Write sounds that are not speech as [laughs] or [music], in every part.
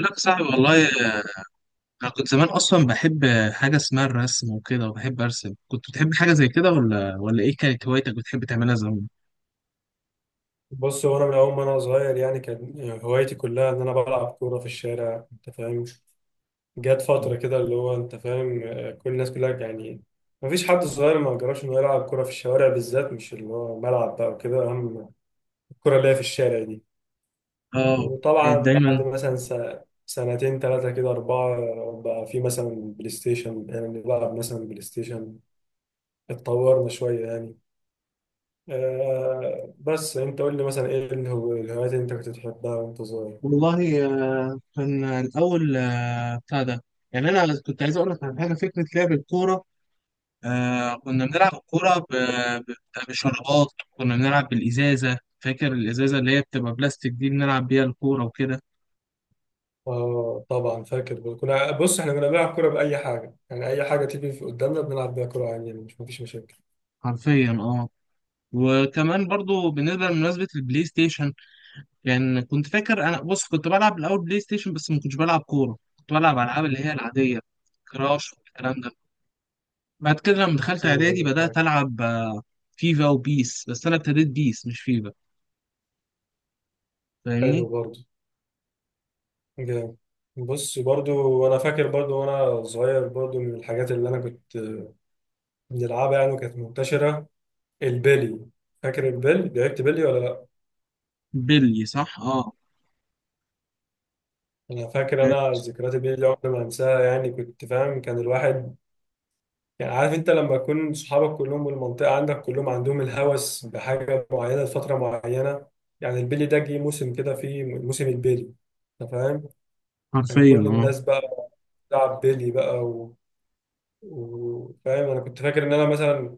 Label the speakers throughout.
Speaker 1: لا يا صاحبي والله انا كنت زمان اصلا بحب حاجه اسمها الرسم وكده وبحب ارسم. كنت بتحب حاجه زي كده ولا ايه كانت هوايتك بتحب تعملها زمان؟
Speaker 2: بص هو انا من اول ما انا صغير يعني كان هوايتي كلها ان انا بلعب كوره في الشارع، انت فاهم. جت فتره كده اللي هو انت فاهم، كل الناس كلها يعني ما فيش حد صغير ما جربش انه يلعب كوره في الشوارع، بالذات مش اللي هو ملعب بقى وكده، اهم الكوره اللي هي في الشارع دي.
Speaker 1: اه
Speaker 2: وطبعا
Speaker 1: كانت
Speaker 2: بعد
Speaker 1: دايما.
Speaker 2: مثلا سنتين ثلاثه كده اربعه بقى في مثلا بلاي ستيشن، يعني بنلعب مثلا بلاي ستيشن، اتطورنا شويه يعني. آه بس انت قول لي مثلا ايه الهوايات اللي انت كنت بتحبها وانت صغير.
Speaker 1: والله كان الاول بتاع ده. يعني انا كنت عايز اقول لك على حاجه، فكره لعب الكوره. كنا بنلعب الكوره ب- بشرابات. كنا بنلعب بالازازه، فاكر الازازه اللي هي بتبقى بلاستيك دي بنلعب بيها الكوره وكده؟
Speaker 2: اه طبعا فاكر، كنا بص احنا كنا بنلعب كوره باي حاجه، يعني اي حاجه تيجي في قدامنا بنلعب بيها كوره عادي يعني، مش مفيش مشاكل.
Speaker 1: حرفيا اه. وكمان برضو بالنسبه لمناسبه البلاي ستيشن، لان كنت فاكر انا، بص كنت بلعب الاول بلاي ستيشن بس ما كنتش بلعب كوره، كنت بلعب العاب اللي هي العاديه، كراش والكلام ده. بعد كده لما دخلت اعدادي
Speaker 2: ايوه
Speaker 1: بدات
Speaker 2: فاكر.
Speaker 1: العب فيفا وبيس، بس انا ابتديت بيس مش فيفا،
Speaker 2: حلو
Speaker 1: فاهمني.
Speaker 2: برضو. جامد. بص برضو انا فاكر برضو وانا صغير، برضو من الحاجات اللي انا كنت بنلعبها يعني وكانت منتشره، البلي. فاكر البلي؟ لعبت بلي ولا لا؟
Speaker 1: بيلي صح اه.
Speaker 2: انا فاكر، انا ذكريات البلي دي عمري ما انساها يعني، كنت فاهم كان الواحد يعني عارف انت لما يكون صحابك كلهم والمنطقة عندك كلهم عندهم الهوس بحاجة معينة لفترة معينة. يعني البيلي ده جه موسم كده، فيه موسم البيلي، انت فاهم. كان
Speaker 1: حرفيا
Speaker 2: كل
Speaker 1: اه.
Speaker 2: الناس بقى بتلعب بيلي بقى فاهم انا كنت فاكر ان انا مثلا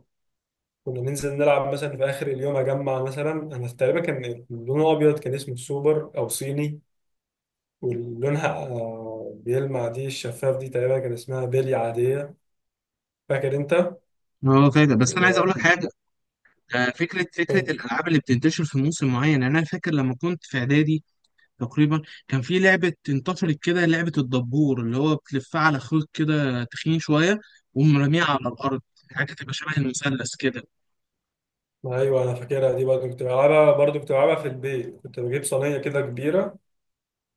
Speaker 2: كنا ننزل نلعب مثلا في اخر اليوم اجمع مثلا. انا تقريبا كان لونه ابيض، كان اسمه السوبر او صيني، ولونها بيلمع، دي الشفاف دي. تقريبا كان اسمها بيلي عادية، فاكر انت؟
Speaker 1: اه فاكر. بس انا عايز
Speaker 2: وكل
Speaker 1: اقول لك حاجه. فكره الالعاب اللي بتنتشر في موسم معين. يعني انا فاكر لما كنت في اعدادي تقريبا كان في لعبة انتشرت كده، لعبة الدبور اللي هو بتلفها على خيط كده تخين شوية، ومرميها على الأرض، حاجة تبقى شبه المثلث كده.
Speaker 2: ايوه انا فاكرها دي برضه، كنت بلعبها برضه، كنت بلعبها في البيت، كنت بجيب صينيه كده كبيره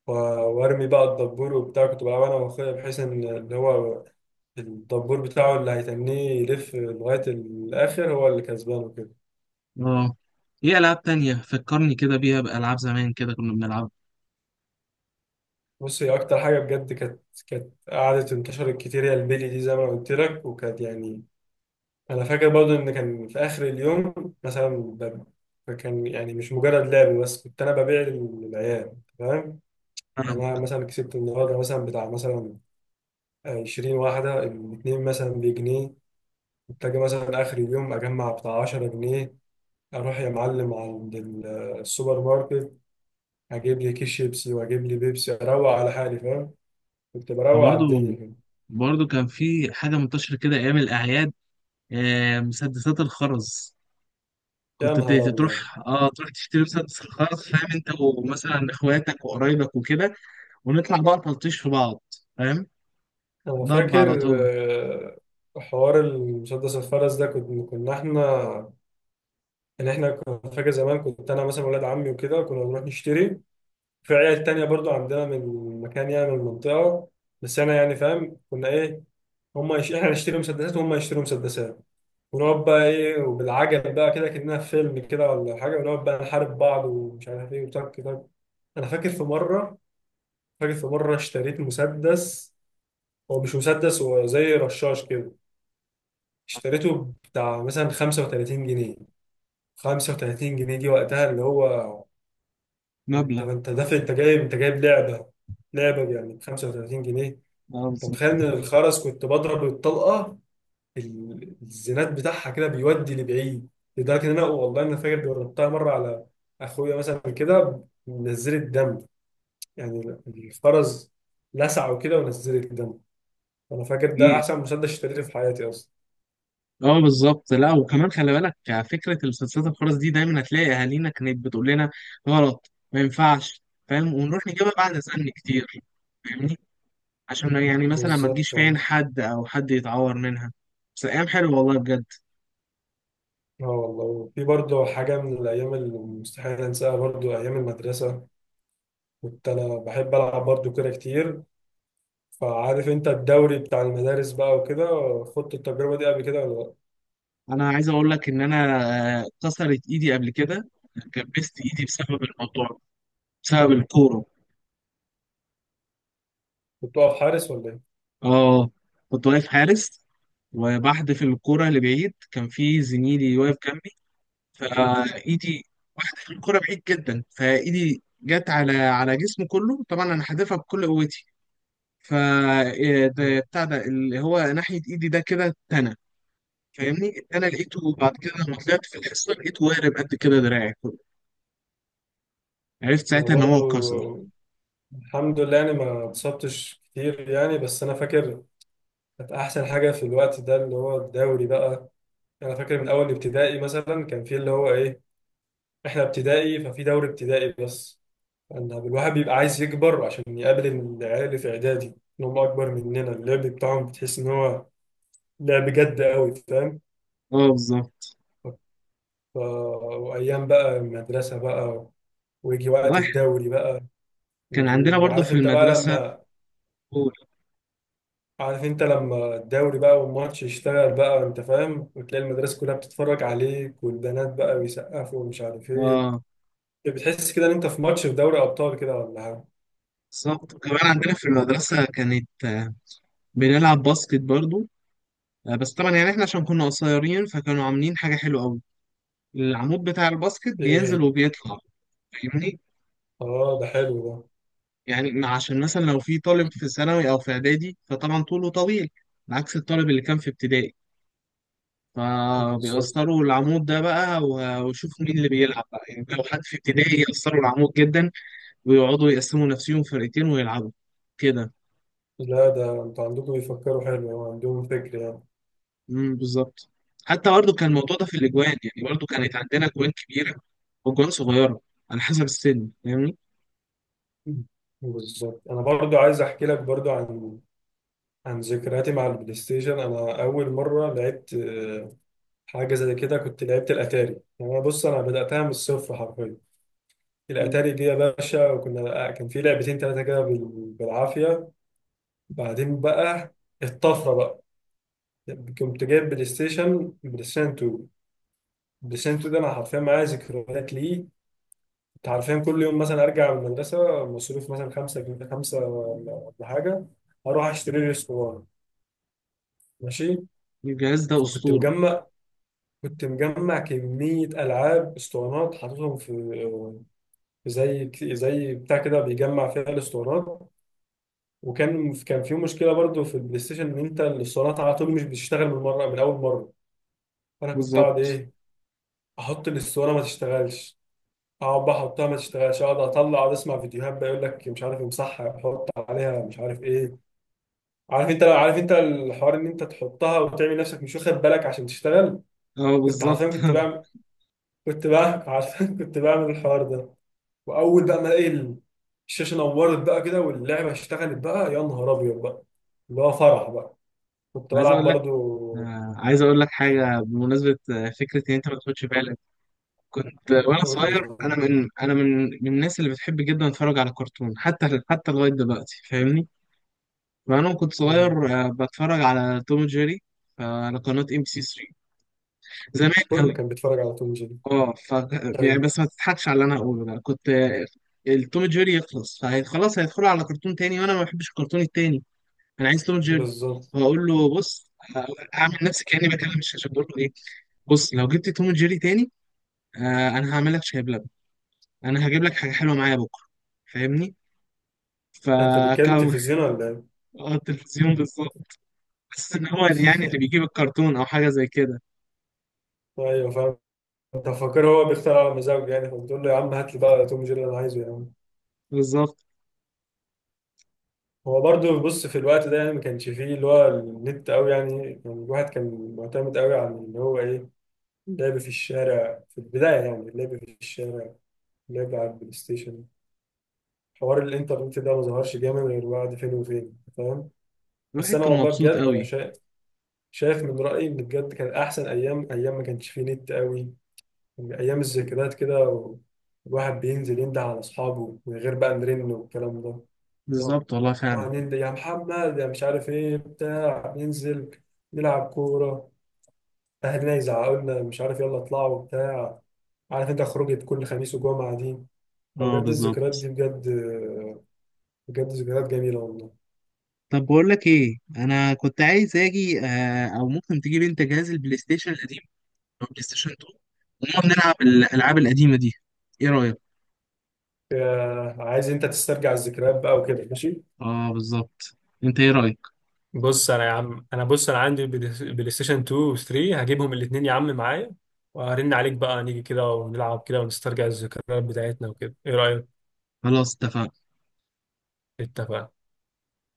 Speaker 2: و- وارمي بقى الدبور وبتاع. كنت بلعبها انا واخويا بحيث ان اللي هو الدبور بتاعه اللي هيتنيه يلف لغايه الاخر هو اللي كسبان وكده.
Speaker 1: اه. ايه ألعاب تانية فكرني كده بيها، بألعاب زمان كده كنا بنلعبها.
Speaker 2: بص هي اكتر حاجه بجد كانت قعدت انتشرت كتير هي البيلي دي، زي ما قلت لك، وكانت يعني انا فاكر برضه ان كان في اخر اليوم مثلا فكان يعني مش مجرد لعب بس، كنت انا ببيع للعيال، فاهم. يعني انا مثلا كسبت النهارده مثلا بتاع مثلا 20 واحدة، الاتنين مثلا بجنيه. محتاج مثلا آخر اليوم أجمع بتاع 10 جنيه، أروح يا معلم عند السوبر ماركت، أجيب لي كيس شيبسي وأجيب لي بيبسي، أروق على حالي، فاهم. كنت بروق على
Speaker 1: برضه
Speaker 2: الدنيا كده.
Speaker 1: برضه كان في حاجة منتشرة كده أيام الأعياد، مسدسات الخرز.
Speaker 2: يا
Speaker 1: كنت
Speaker 2: نهار
Speaker 1: ت-
Speaker 2: أبيض.
Speaker 1: تروح اه تروح تشتري مسدس الخرز، فاهم انت، ومثلا اخواتك وقرايبك وكده، ونطلع بقى تلطيش في بعض، فاهم،
Speaker 2: أنا
Speaker 1: ضرب
Speaker 2: فاكر
Speaker 1: على طول.
Speaker 2: حوار المسدس الفرس ده، كنا إحنا يعني إحنا كنا. فاكر زمان كنت أنا مثلا ولاد عمي وكده كنا بنروح نشتري، في عيال تانية برضو عندنا من مكان يعني من المنطقة. بس أنا يعني فاهم كنا إيه، احنا نشتري مسدسات وهم يشتروا مسدسات، ونقعد بقى ايه وبالعجل بقى كده، كأنها في فيلم كده ولا حاجه، ونقعد بقى نحارب بعض ومش عارف ايه، وتك تك. انا فاكر في مره، فاكر في مره اشتريت مسدس، هو مش مسدس، هو زي رشاش كده، اشتريته بتاع مثلا 35 جنيه. 35 جنيه دي وقتها اللي هو، يعني انت
Speaker 1: مبلغ.
Speaker 2: انت دافع، انت جايب، انت جايب لعبه، لعبه يعني ب 35 جنيه،
Speaker 1: اه
Speaker 2: انت
Speaker 1: بالظبط.
Speaker 2: متخيل؟ ان الخرز كنت بضرب الطلقه، الزناد بتاعها كده بيودي لبعيد، لدرجه ان انا والله انا فاكر جربتها مره على اخويا مثلا كده، نزلت دم يعني، الفرز لسعه وكده، ونزلت دم. انا فاكر ده
Speaker 1: ايه.
Speaker 2: احسن مسدس اشتريته في حياتي اصلا.
Speaker 1: اه بالظبط. لا وكمان خلي بالك، فكره المسلسلات الخرس دي دايما هتلاقي اهالينا كانت بتقول لنا غلط ما ينفعش، فاهم، ونروح نجيبها بعد سن كتير، فاهمني، عشان يعني مثلا ما تجيش
Speaker 2: بالظبط
Speaker 1: في
Speaker 2: اه.
Speaker 1: عين حد او حد يتعور منها. بس ايام حلوه والله بجد.
Speaker 2: آه والله في برضه حاجة من الأيام اللي مستحيل أنساها، برضه أيام المدرسة كنت أنا بحب ألعب برضه كورة كتير، فعارف أنت الدوري بتاع المدارس بقى وكده. خدت التجربة دي قبل كده ولا لأ؟
Speaker 1: انا عايز اقول لك ان انا كسرت ايدي قبل كده، كبست ايدي بسبب الموضوع ده، بسبب الكوره.
Speaker 2: كنت واقف حارس ولا
Speaker 1: اه كنت واقف حارس، وبحدف الكوره لبعيد. كان في زميلي واقف جنبي فايدي، واحده الكره بعيد جدا، فايدي جت على جسمه كله، طبعا انا حادفها بكل قوتي. ف إيه ده
Speaker 2: إيه؟
Speaker 1: بتاع ده اللي هو ناحيه ايدي ده كده. اتنى فاهمني، اتنى لقيته بعد كده لما طلعت في الحصه، لقيته وارم قد كده دراعي كله، عرفت
Speaker 2: انا
Speaker 1: ساعتها ان هو اتكسر.
Speaker 2: برضو الحمد لله يعني ما اتصبتش كتير يعني، بس انا فاكر كانت احسن حاجه في الوقت ده اللي هو الدوري بقى. يعني انا فاكر من اول ابتدائي مثلا كان في اللي هو ايه، احنا ابتدائي ففي دوري ابتدائي بس، ان الواحد بيبقى عايز يكبر عشان يقابل العيال اللي في اعدادي، ان هم اكبر مننا، اللعب بتاعهم بتحس ان هو لعب جد قوي، فاهم.
Speaker 1: اه بالظبط.
Speaker 2: ف- وايام بقى المدرسه بقى، ويجي وقت
Speaker 1: رايح،
Speaker 2: الدوري بقى،
Speaker 1: كان عندنا برضو
Speaker 2: وعارف
Speaker 1: في
Speaker 2: انت بقى
Speaker 1: المدرسه
Speaker 2: لما،
Speaker 1: كورة.
Speaker 2: عارف انت لما الدوري بقى والماتش يشتغل بقى، انت فاهم، وتلاقي المدرسة كلها بتتفرج عليك، والبنات بقى بيسقفوا ومش عارف ايه،
Speaker 1: اه
Speaker 2: بتحس كده ان انت في ماتش في دوري ابطال كده ولا حاجة.
Speaker 1: بالظبط. كمان عندنا في المدرسه كانت بنلعب باسكت برضو. بس طبعا يعني احنا عشان كنا قصيرين فكانوا عاملين حاجه حلوه قوي، العمود بتاع الباسكت
Speaker 2: ايه
Speaker 1: بينزل
Speaker 2: ايه.
Speaker 1: وبيطلع، فاهمني.
Speaker 2: اه ده حلو ده.
Speaker 1: يعني عشان مثلا لو في طالب في ثانوي او في اعدادي فطبعا طوله طويل عكس الطالب اللي كان في ابتدائي،
Speaker 2: بالظبط،
Speaker 1: فبيأثروا العمود ده بقى ويشوفوا مين اللي بيلعب بقى. يعني لو حد في ابتدائي يأثروا العمود جدا، ويقعدوا يقسموا نفسهم فرقتين ويلعبوا كده.
Speaker 2: لا ده انتوا عندكم بيفكروا حلو، عندهم فكر يعني.
Speaker 1: بالظبط. حتى برضه كان الموضوع ده في الأجوان، يعني برضه كانت عندنا أجوان كبيرة وأجوان صغيرة، على حسب السن، فاهمني.
Speaker 2: مم. بالظبط انا برضو عايز احكي لك برضو عن عن ذكرياتي مع البلاي ستيشن. انا اول مرة لعبت حاجة زي كده كنت لعبت الاتاري. يعني انا بص انا بدأتها من الصفر حرفيا،
Speaker 1: مم.
Speaker 2: الاتاري دي يا باشا، وكنا كان في لعبتين ثلاثه كده بالعافيه. بعدين بقى الطفره بقى، كنت جايب بلاي ستيشن، بلاي ستيشن 2. بلاي ستيشن 2 ده انا حرفيا معايا ذكريات ليه. كنت حرفيا كل يوم مثلا ارجع من المدرسه مصروف مثلا 5 جنيه، 5 ولا ولا حاجه، اروح اشتري لي اسطوانه، ماشي.
Speaker 1: الجهاز ده
Speaker 2: فكنت
Speaker 1: أسطورة.
Speaker 2: مجمع، كنت مجمع كميه العاب اسطوانات، حاططهم في في زي بتاع كده بيجمع فيها الاسطوانات. وكان في مشكله برضو في البلاي ستيشن ان انت الاسطوانات على طول مش بتشتغل من مره من اول مره. فانا كنت اقعد
Speaker 1: بالظبط.
Speaker 2: ايه، احط الاسطوانه ما تشتغلش، اقعد بقى احطها ما تشتغلش، اقعد اطلع اقعد اسمع فيديوهات بقى يقول لك مش عارف امسحها، حط عليها مش عارف ايه. عارف انت، لو عارف انت الحوار ان انت تحطها وتعمل نفسك مش واخد بالك عشان تشتغل.
Speaker 1: اه
Speaker 2: كنت
Speaker 1: بالظبط.
Speaker 2: عارفين كنت بعمل،
Speaker 1: [laughs]
Speaker 2: كنت بعمل عارفين [laughs] كنت بعمل الحوار ده. واول بقى ما الاقي الشاشه نورت بقى كده واللعبه اشتغلت بقى، يا نهار ابيض بقى، اللي هو فرح بقى. كنت
Speaker 1: عايز
Speaker 2: بلعب
Speaker 1: اقول لك
Speaker 2: برضو.
Speaker 1: عايز اقول لك حاجه بمناسبه فكره ان انت ما تاخدش بالك. كنت وانا
Speaker 2: قول لي
Speaker 1: صغير، انا
Speaker 2: طبعا.
Speaker 1: من انا من من الناس اللي بتحب جدا اتفرج على كرتون، حتى لغايه دلوقتي، فاهمني. فانا كنت
Speaker 2: مم.
Speaker 1: صغير بتفرج على توم وجيري، على قناه ام بي سي 3 زمان.
Speaker 2: كله
Speaker 1: قوي
Speaker 2: كان بيتفرج على توم جيري.
Speaker 1: اه. يعني
Speaker 2: ايوه.
Speaker 1: بس ما تضحكش على اللي انا هقوله ده. كنت التوم جيري يخلص فخلاص هيدخلوا على كرتون تاني، وانا ما بحبش الكرتون التاني. انا عايز توم جيري.
Speaker 2: بالظبط.
Speaker 1: فاقول له بص، اعمل نفسي كاني بكلم الشاشه، بقول له ايه، بص لو جبت توم جيري تاني انا هعمل لك شاي بلبن، انا هجيب لك حاجه حلوه معايا بكره، فاهمني.
Speaker 2: انت بتتكلم
Speaker 1: فكان
Speaker 2: تلفزيون ولا ايه؟
Speaker 1: [laughs] اه التلفزيون بالظبط. بس ان هو يعني اللي بيجيب الكرتون او حاجه زي كده.
Speaker 2: ايوه فاهم. انت فاكر هو بيختار على مزاجه يعني، فبتقول له يا عم هات لي بقى توم جيري اللي انا عايزه يا عم.
Speaker 1: بالظبط.
Speaker 2: هو برضو بص في الوقت ده يعني ما كانش فيه اللي هو النت قوي، يعني الواحد كان معتمد قوي على اللي هو ايه، لعب في الشارع في البدايه، يعني لعب في الشارع، لعب على البلاي ستيشن. حوار الانترنت ده ما ظهرش جامد غير بعد فين وفين، فاهم. بس
Speaker 1: الواحد
Speaker 2: انا
Speaker 1: كان
Speaker 2: والله
Speaker 1: مبسوط
Speaker 2: بجد انا
Speaker 1: قوي.
Speaker 2: شايف، شايف من رأيي إن بجد كان أحسن أيام، أيام ما كانش فيه نت قوي، أيام الذكريات كده الواحد بينزل ينده على أصحابه من غير بقى نرن والكلام ده. إن هو
Speaker 1: بالظبط والله فعلا.
Speaker 2: هننده يا محمد يا مش عارف إيه بتاع، ننزل نلعب كورة، أهلنا يزعقوا لنا مش عارف يلا اطلعوا وبتاع، عارف أنت خروجة كل خميس وجمعة دي،
Speaker 1: اه
Speaker 2: فبجد الذكريات دي
Speaker 1: بالظبط.
Speaker 2: بجد، بجد ذكريات جميلة والله.
Speaker 1: طب بقول لك ايه، انا كنت عايز اجي آه او ممكن تجيب انت جهاز البلاي ستيشن القديم او بلاي ستيشن 2، ونقعد نلعب الالعاب القديمه دي، ايه رايك؟
Speaker 2: عايز أنت تسترجع الذكريات بقى وكده، ماشي.
Speaker 1: اه بالظبط. انت ايه رأيك؟
Speaker 2: بص انا يا عم انا بص انا عندي بلاي ستيشن 2 و 3، هجيبهم الاثنين يا عم معايا، وهرن عليك بقى نيجي كده ونلعب كده ونسترجع الذكريات بتاعتنا وكده، ايه رأيك؟
Speaker 1: خلاص اتفقنا.
Speaker 2: اتفقنا.